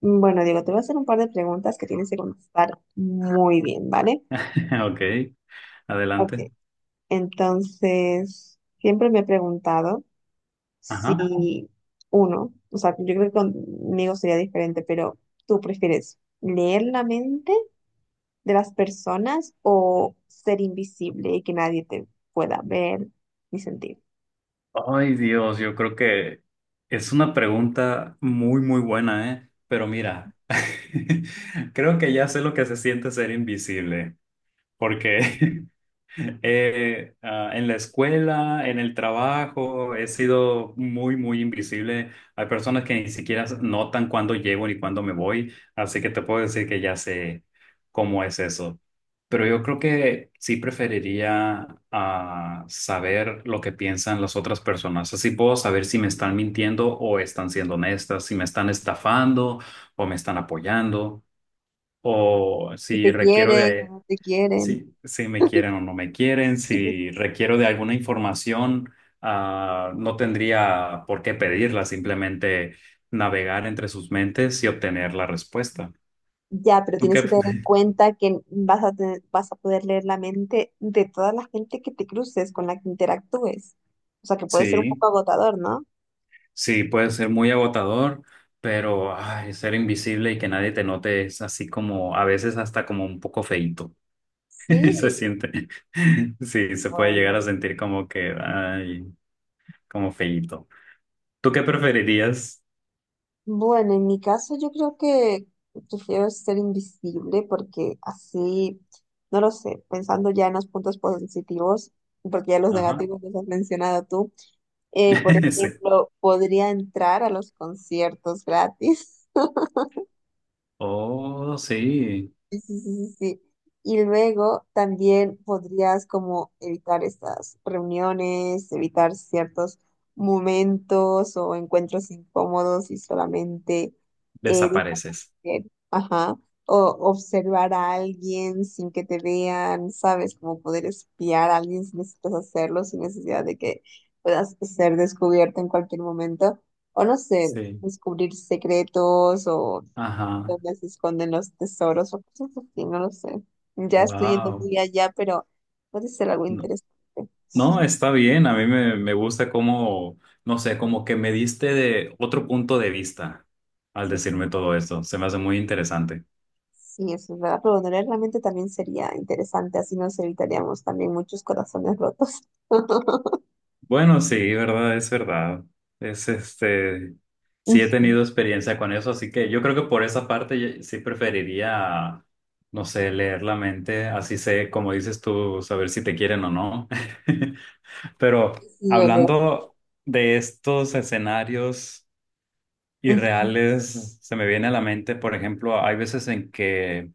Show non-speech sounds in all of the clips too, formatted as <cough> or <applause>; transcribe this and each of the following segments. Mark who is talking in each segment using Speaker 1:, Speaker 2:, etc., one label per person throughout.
Speaker 1: Bueno, Diego, te voy a hacer un par de preguntas que tienes que contestar muy bien, ¿vale?
Speaker 2: <laughs> Ok,
Speaker 1: Ok,
Speaker 2: adelante.
Speaker 1: entonces, siempre me he preguntado si
Speaker 2: Ajá.
Speaker 1: uno, o sea, yo creo que conmigo sería diferente, pero ¿tú prefieres leer la mente de las personas o ser invisible y que nadie te pueda ver ni sentir?
Speaker 2: Ay, Dios, yo creo que es una pregunta muy, muy buena, ¿eh? Pero mira, <laughs> creo que ya sé lo que se siente ser invisible, porque <laughs> en la escuela, en el trabajo, he sido muy, muy invisible. Hay personas que ni siquiera notan cuándo llego ni cuándo me voy, así que te puedo decir que ya sé cómo es eso. Pero yo creo que sí preferiría saber lo que piensan las otras personas. Así puedo saber si me están mintiendo o están siendo honestas, si me están estafando o me están apoyando, o
Speaker 1: Si
Speaker 2: si
Speaker 1: te
Speaker 2: requiero
Speaker 1: quieren o
Speaker 2: de.
Speaker 1: no te quieren.
Speaker 2: Sí, si me quieren o no me quieren, si requiero de alguna información, no tendría por qué pedirla, simplemente navegar entre sus mentes y obtener la respuesta.
Speaker 1: Ya, pero
Speaker 2: ¿Tú
Speaker 1: tienes
Speaker 2: qué?
Speaker 1: que tener en cuenta que vas a poder leer la mente de toda la gente que te cruces, con la que interactúes. O sea, que puede ser un
Speaker 2: Sí,
Speaker 1: poco agotador, ¿no?
Speaker 2: sí, puede ser muy agotador, pero ay, ser invisible y que nadie te note es así como, a veces hasta como un poco feíto.
Speaker 1: Sí,
Speaker 2: <laughs> Se siente, sí, se puede llegar a
Speaker 1: bueno.
Speaker 2: sentir como que, ay, como feíto. ¿Tú qué preferirías?
Speaker 1: Bueno, en mi caso yo creo que prefiero ser invisible porque así, no lo sé, pensando ya en los puntos positivos, porque ya los
Speaker 2: Ajá,
Speaker 1: negativos los has mencionado tú, por
Speaker 2: <laughs> sí.
Speaker 1: ejemplo, podría entrar a los conciertos gratis. <laughs>
Speaker 2: Oh, sí,
Speaker 1: Sí, sí, sí, sí, sí. Y luego también podrías como evitar estas reuniones, evitar ciertos momentos o encuentros incómodos y solamente
Speaker 2: desapareces.
Speaker 1: desaparecer. Ajá. O observar a alguien sin que te vean, ¿sabes? Como poder espiar a alguien si necesitas hacerlo, sin necesidad de que puedas ser descubierto en cualquier momento. O no sé,
Speaker 2: Sí.
Speaker 1: descubrir secretos o
Speaker 2: Ajá.
Speaker 1: donde se esconden los tesoros o cosas así, no lo sé. Ya estoy yendo
Speaker 2: Wow.
Speaker 1: muy allá, pero puede ser algo
Speaker 2: No,
Speaker 1: interesante.
Speaker 2: no,
Speaker 1: <laughs>
Speaker 2: está bien. A mí me gusta cómo, no sé, como que me diste de otro punto de vista al
Speaker 1: Sí,
Speaker 2: decirme todo esto. Se me hace muy interesante.
Speaker 1: sí, eso es verdad. Pero donar realmente también sería interesante, así nos evitaríamos también muchos corazones rotos. <laughs>
Speaker 2: Bueno, sí, verdad. Es este,
Speaker 1: Mm,
Speaker 2: sí he tenido experiencia con eso, así que yo creo que por esa parte sí preferiría, no sé, leer la mente. Así sé, como dices tú, saber si te quieren o no. <laughs> Pero
Speaker 1: sí, ¿verdad?
Speaker 2: hablando de estos escenarios
Speaker 1: Ujú.
Speaker 2: irreales, se me viene a la mente, por ejemplo, hay veces en que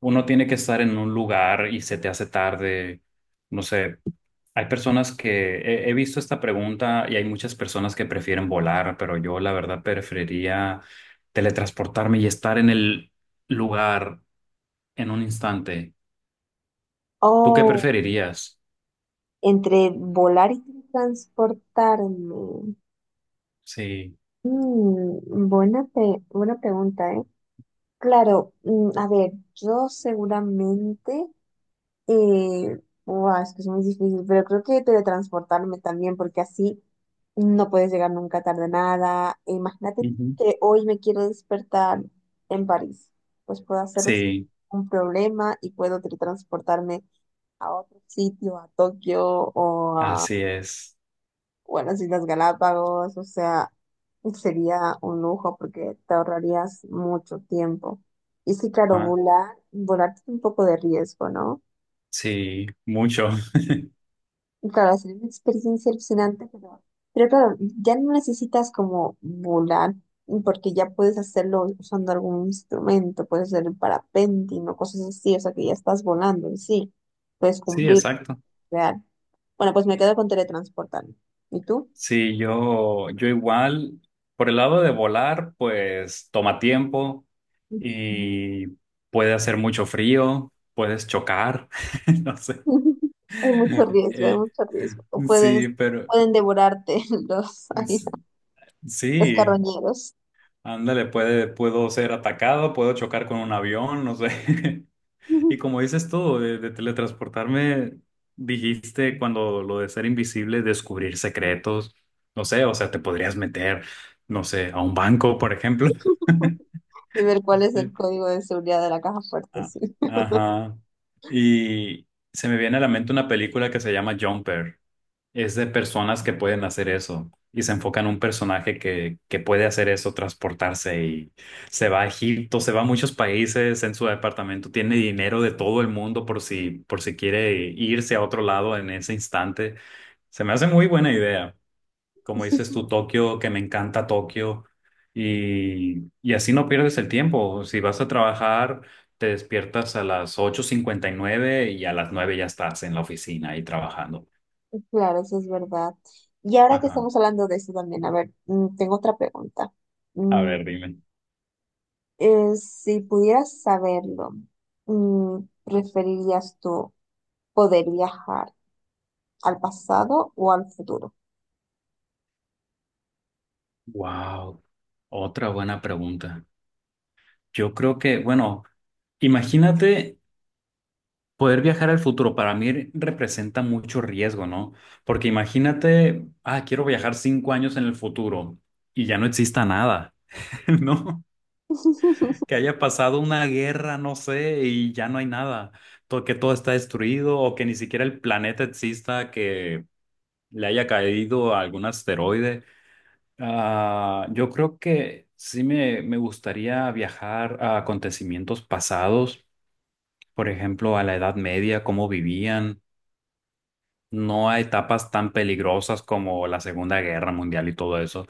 Speaker 2: uno tiene que estar en un lugar y se te hace tarde. No sé, hay personas que he visto esta pregunta y hay muchas personas que prefieren volar, pero yo la verdad preferiría teletransportarme y estar en el lugar en un instante. ¿Tú qué
Speaker 1: Oh,
Speaker 2: preferirías?
Speaker 1: entre volar y transportarme.
Speaker 2: Sí,
Speaker 1: Mm, buena pregunta, ¿eh? Claro, mm, a ver, yo seguramente. Buah, es que es muy difícil, pero creo que teletransportarme también, porque así no puedes llegar nunca tarde a nada. E imagínate
Speaker 2: ujú,
Speaker 1: que hoy me quiero despertar en París, pues puedo hacerlo sin
Speaker 2: sí,
Speaker 1: ningún problema y puedo teletransportarme a otro sitio, a Tokio o a,
Speaker 2: así es.
Speaker 1: bueno, las Islas Galápagos, o sea, sería un lujo porque te ahorrarías mucho tiempo. Y sí, claro, volar, volar tiene un poco de riesgo, ¿no?
Speaker 2: Sí, mucho. <laughs>
Speaker 1: Claro, es una experiencia alucinante, pero claro, ya no necesitas como volar, porque ya puedes hacerlo usando algún instrumento, puedes hacer el parapente, no cosas así, o sea que ya estás volando y sí, puedes
Speaker 2: Sí,
Speaker 1: cumplir,
Speaker 2: exacto.
Speaker 1: real. Bueno, pues me quedo con teletransportarme. ¿Y tú?
Speaker 2: Sí, yo igual, por el lado de volar, pues toma tiempo
Speaker 1: Ujú.
Speaker 2: y puede hacer mucho frío, puedes chocar, <laughs> no sé.
Speaker 1: <laughs> Hay mucho riesgo, hay
Speaker 2: Eh,
Speaker 1: mucho riesgo. O puedes,
Speaker 2: sí, pero
Speaker 1: pueden devorarte <laughs> los, ahí,
Speaker 2: s-
Speaker 1: los
Speaker 2: sí,
Speaker 1: carroñeros
Speaker 2: ándale, puedo ser atacado, puedo chocar con un avión, no sé. <laughs> Y como dices tú, de teletransportarme, dijiste cuando lo de ser invisible, descubrir secretos, no sé, o sea, te podrías meter, no sé, a un banco, por ejemplo. <laughs>
Speaker 1: <laughs> y ver cuál es el código de seguridad de la caja fuerte,
Speaker 2: Ah,
Speaker 1: sí.
Speaker 2: ajá. Y se me viene a la mente una película que se llama Jumper, es de personas que pueden hacer eso y se enfoca en un personaje que puede hacer eso, transportarse, y se va a Egipto, se va a muchos países en su departamento, tiene dinero de todo el mundo por si quiere irse a otro lado en ese instante. Se me hace muy buena idea. Como dices
Speaker 1: <laughs>
Speaker 2: tú, Tokio, que me encanta Tokio. Y así no pierdes el tiempo. Si vas a trabajar, te despiertas a las 8:59 y a las 9 ya estás en la oficina y trabajando.
Speaker 1: Claro, eso es verdad. Y ahora que
Speaker 2: Ajá.
Speaker 1: estamos hablando de eso también, a ver, mm, tengo otra pregunta.
Speaker 2: A
Speaker 1: Mm,
Speaker 2: ver, dime.
Speaker 1: si pudieras saberlo, mm, ¿preferirías tú poder viajar al pasado o al futuro?
Speaker 2: Wow, otra buena pregunta. Yo creo que, bueno, imagínate poder viajar al futuro. Para mí representa mucho riesgo, ¿no? Porque imagínate, quiero viajar 5 años en el futuro y ya no exista nada, <laughs> ¿no?
Speaker 1: <laughs>
Speaker 2: Que haya pasado una guerra, no sé, y ya no hay nada. Que todo está destruido o que ni siquiera el planeta exista, que le haya caído algún asteroide. Ah, yo creo que sí me gustaría viajar a acontecimientos pasados, por ejemplo, a la Edad Media, cómo vivían, no a etapas tan peligrosas como la Segunda Guerra Mundial y todo eso,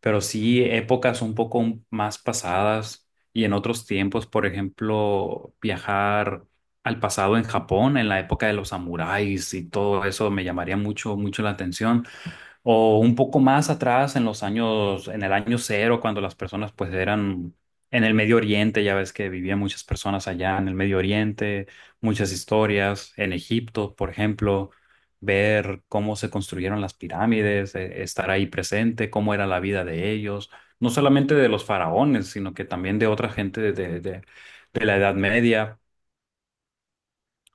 Speaker 2: pero sí épocas un poco más pasadas y en otros tiempos, por ejemplo, viajar al pasado en Japón, en la época de los samuráis, y todo eso me llamaría mucho, mucho la atención. O un poco más atrás, en el año cero, cuando las personas pues eran en el Medio Oriente, ya ves que vivían muchas personas allá en el Medio Oriente, muchas historias, en Egipto, por ejemplo, ver cómo se construyeron las pirámides, estar ahí presente, cómo era la vida de ellos, no solamente de los faraones, sino que también de otra gente, de de la Edad Media,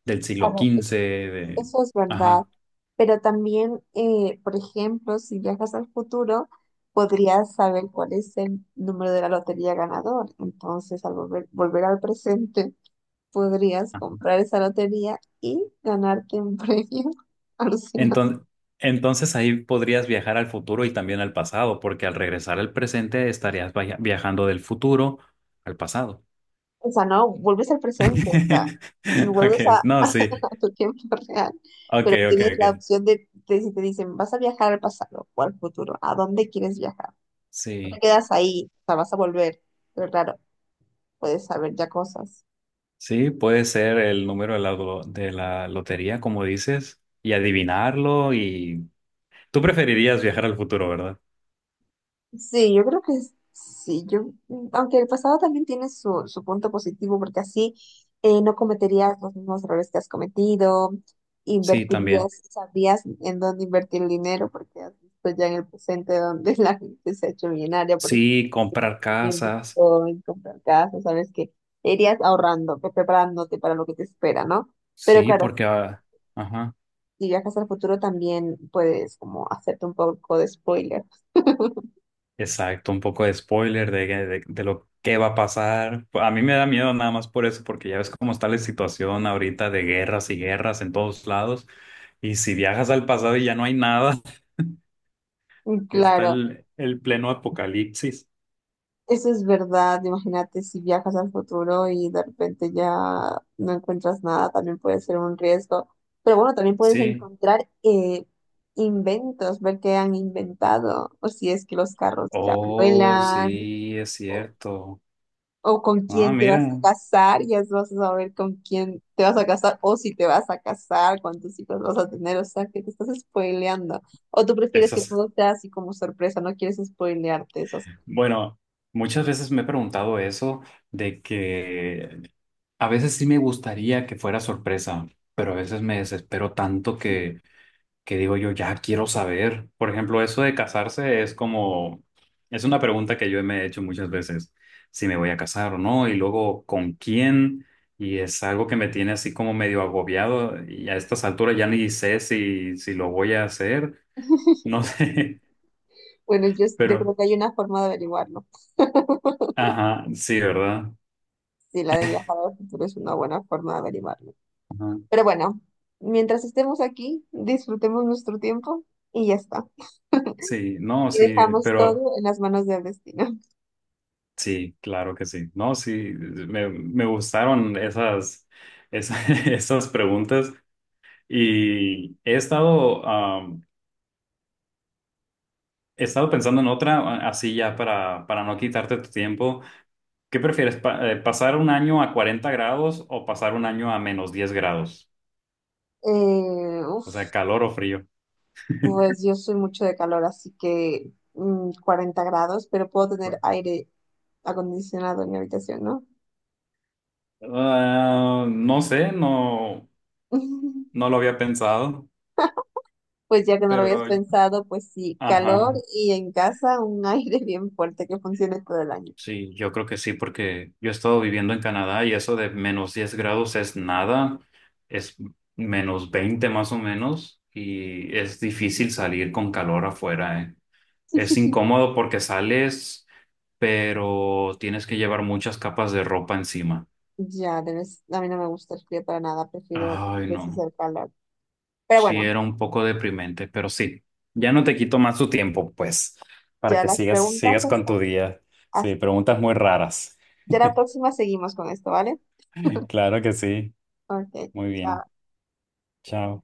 Speaker 2: del siglo
Speaker 1: Claro, eso,
Speaker 2: quince de.
Speaker 1: eso es verdad.
Speaker 2: Ajá.
Speaker 1: Pero también, por ejemplo, si viajas al futuro, podrías saber cuál es el número de la lotería ganador. Entonces, al volver, volver al presente, podrías comprar esa lotería y ganarte un premio <laughs> alucinante.
Speaker 2: Entonces, entonces ahí podrías viajar al futuro y también al pasado, porque al regresar al presente estarías viajando del futuro al pasado.
Speaker 1: O sea, no, vuelves al presente, o sea,
Speaker 2: <laughs>
Speaker 1: y vuelves
Speaker 2: Okay,
Speaker 1: a, <laughs>
Speaker 2: no, sí.
Speaker 1: a tu tiempo <laughs> real, pero
Speaker 2: Okay,
Speaker 1: tienes
Speaker 2: okay,
Speaker 1: la
Speaker 2: okay.
Speaker 1: opción de si te dicen, vas a viajar al pasado o al futuro, ¿a dónde quieres viajar? No te
Speaker 2: Sí,
Speaker 1: quedas ahí, o sea, vas a volver, pero claro, puedes saber ya cosas.
Speaker 2: sí, puede ser el número de la lotería, como dices, y adivinarlo, y tú preferirías viajar al futuro, ¿verdad?
Speaker 1: Sí, yo creo que sí, yo, aunque el pasado también tiene su, su punto positivo, porque así no cometerías los mismos errores que has cometido,
Speaker 2: Sí, también.
Speaker 1: invertirías, sabrías en dónde invertir el dinero, porque has visto ya en el presente donde <laughs> la gente se ha hecho millonaria, por ejemplo,
Speaker 2: Sí, comprar
Speaker 1: en
Speaker 2: casas.
Speaker 1: Bitcoin, comprar casas, sabes que te irías ahorrando, preparándote para lo que te espera, ¿no? Pero
Speaker 2: Sí,
Speaker 1: claro,
Speaker 2: porque ah, ajá.
Speaker 1: si viajas al futuro también puedes como hacerte un poco de spoiler.
Speaker 2: Exacto, un poco de spoiler de lo que va a pasar. A mí me da miedo nada más por eso, porque ya ves cómo está la situación ahorita de guerras y guerras en todos lados. Y si viajas al pasado y ya no hay nada, <laughs> está
Speaker 1: Claro,
Speaker 2: el pleno apocalipsis.
Speaker 1: eso es verdad, imagínate si viajas al futuro y de repente ya no encuentras nada, también puede ser un riesgo. Pero bueno, también puedes
Speaker 2: Sí.
Speaker 1: encontrar inventos, ver qué han inventado, o si es que los carros ya
Speaker 2: Oh,
Speaker 1: vuelan,
Speaker 2: sí, es cierto.
Speaker 1: o con
Speaker 2: Ah,
Speaker 1: quién te
Speaker 2: mira,
Speaker 1: vas a casar, ya vas a saber con quién te vas a casar, o si te vas a casar, cuántos hijos vas a tener, o sea, que te estás spoileando. O tú prefieres que
Speaker 2: esas.
Speaker 1: todo sea así como sorpresa, no quieres spoilearte esas.
Speaker 2: Bueno, muchas veces me he preguntado eso de que a veces sí me gustaría que fuera sorpresa, pero a veces me desespero tanto que digo yo, ya quiero saber. Por ejemplo, eso de casarse es como, es una pregunta que yo me he hecho muchas veces, si me voy a casar o no, y luego con quién, y es algo que me tiene así como medio agobiado, y a estas alturas ya ni sé si lo voy a hacer, no <laughs> sé,
Speaker 1: Bueno, yo
Speaker 2: pero,
Speaker 1: creo que hay una forma de averiguarlo.
Speaker 2: ajá, sí, ¿verdad?
Speaker 1: Sí, la de viajar al futuro es una buena forma de averiguarlo.
Speaker 2: Ajá.
Speaker 1: Pero bueno, mientras estemos aquí, disfrutemos nuestro tiempo y ya está.
Speaker 2: Sí, no,
Speaker 1: Y
Speaker 2: sí,
Speaker 1: dejamos
Speaker 2: pero
Speaker 1: todo en las manos del destino. <laughs>
Speaker 2: sí, claro que sí, no, sí, me gustaron esas, <laughs> esas preguntas. Y he estado pensando en otra, así ya para no quitarte tu tiempo. ¿Qué prefieres, pasar un año a 40 grados o pasar un año a -10 grados? O
Speaker 1: Uf,
Speaker 2: sea, calor o frío.
Speaker 1: pues yo soy mucho de calor, así que mm, 40 grados, pero puedo tener
Speaker 2: Bueno.
Speaker 1: aire acondicionado en mi habitación, ¿no?
Speaker 2: Ah, no sé, no,
Speaker 1: <laughs>
Speaker 2: no lo había pensado,
Speaker 1: Pues ya que no lo habías
Speaker 2: pero,
Speaker 1: pensado, pues sí, calor
Speaker 2: ajá.
Speaker 1: y en casa un <laughs> aire bien fuerte que funcione todo el año.
Speaker 2: Sí, yo creo que sí, porque yo he estado viviendo en Canadá y eso de -10 grados es nada, es -20 más o menos, y es difícil salir con calor afuera, ¿eh? Es
Speaker 1: <laughs>
Speaker 2: incómodo porque sales, pero tienes que llevar muchas capas de ropa encima.
Speaker 1: Ya, debes, a mí no me gusta el frío para nada, prefiero
Speaker 2: Ay,
Speaker 1: veces
Speaker 2: no,
Speaker 1: el calor. Pero
Speaker 2: sí
Speaker 1: bueno,
Speaker 2: era un poco deprimente, pero sí, ya no te quito más tu tiempo, pues, para
Speaker 1: ya
Speaker 2: que
Speaker 1: las
Speaker 2: sigas,
Speaker 1: preguntas
Speaker 2: sigas con tu día. Sí,
Speaker 1: hasta-
Speaker 2: preguntas muy raras.
Speaker 1: ya la próxima seguimos con esto, ¿vale?
Speaker 2: <laughs> Claro que sí,
Speaker 1: Ok,
Speaker 2: muy bien.
Speaker 1: chao.
Speaker 2: Chao.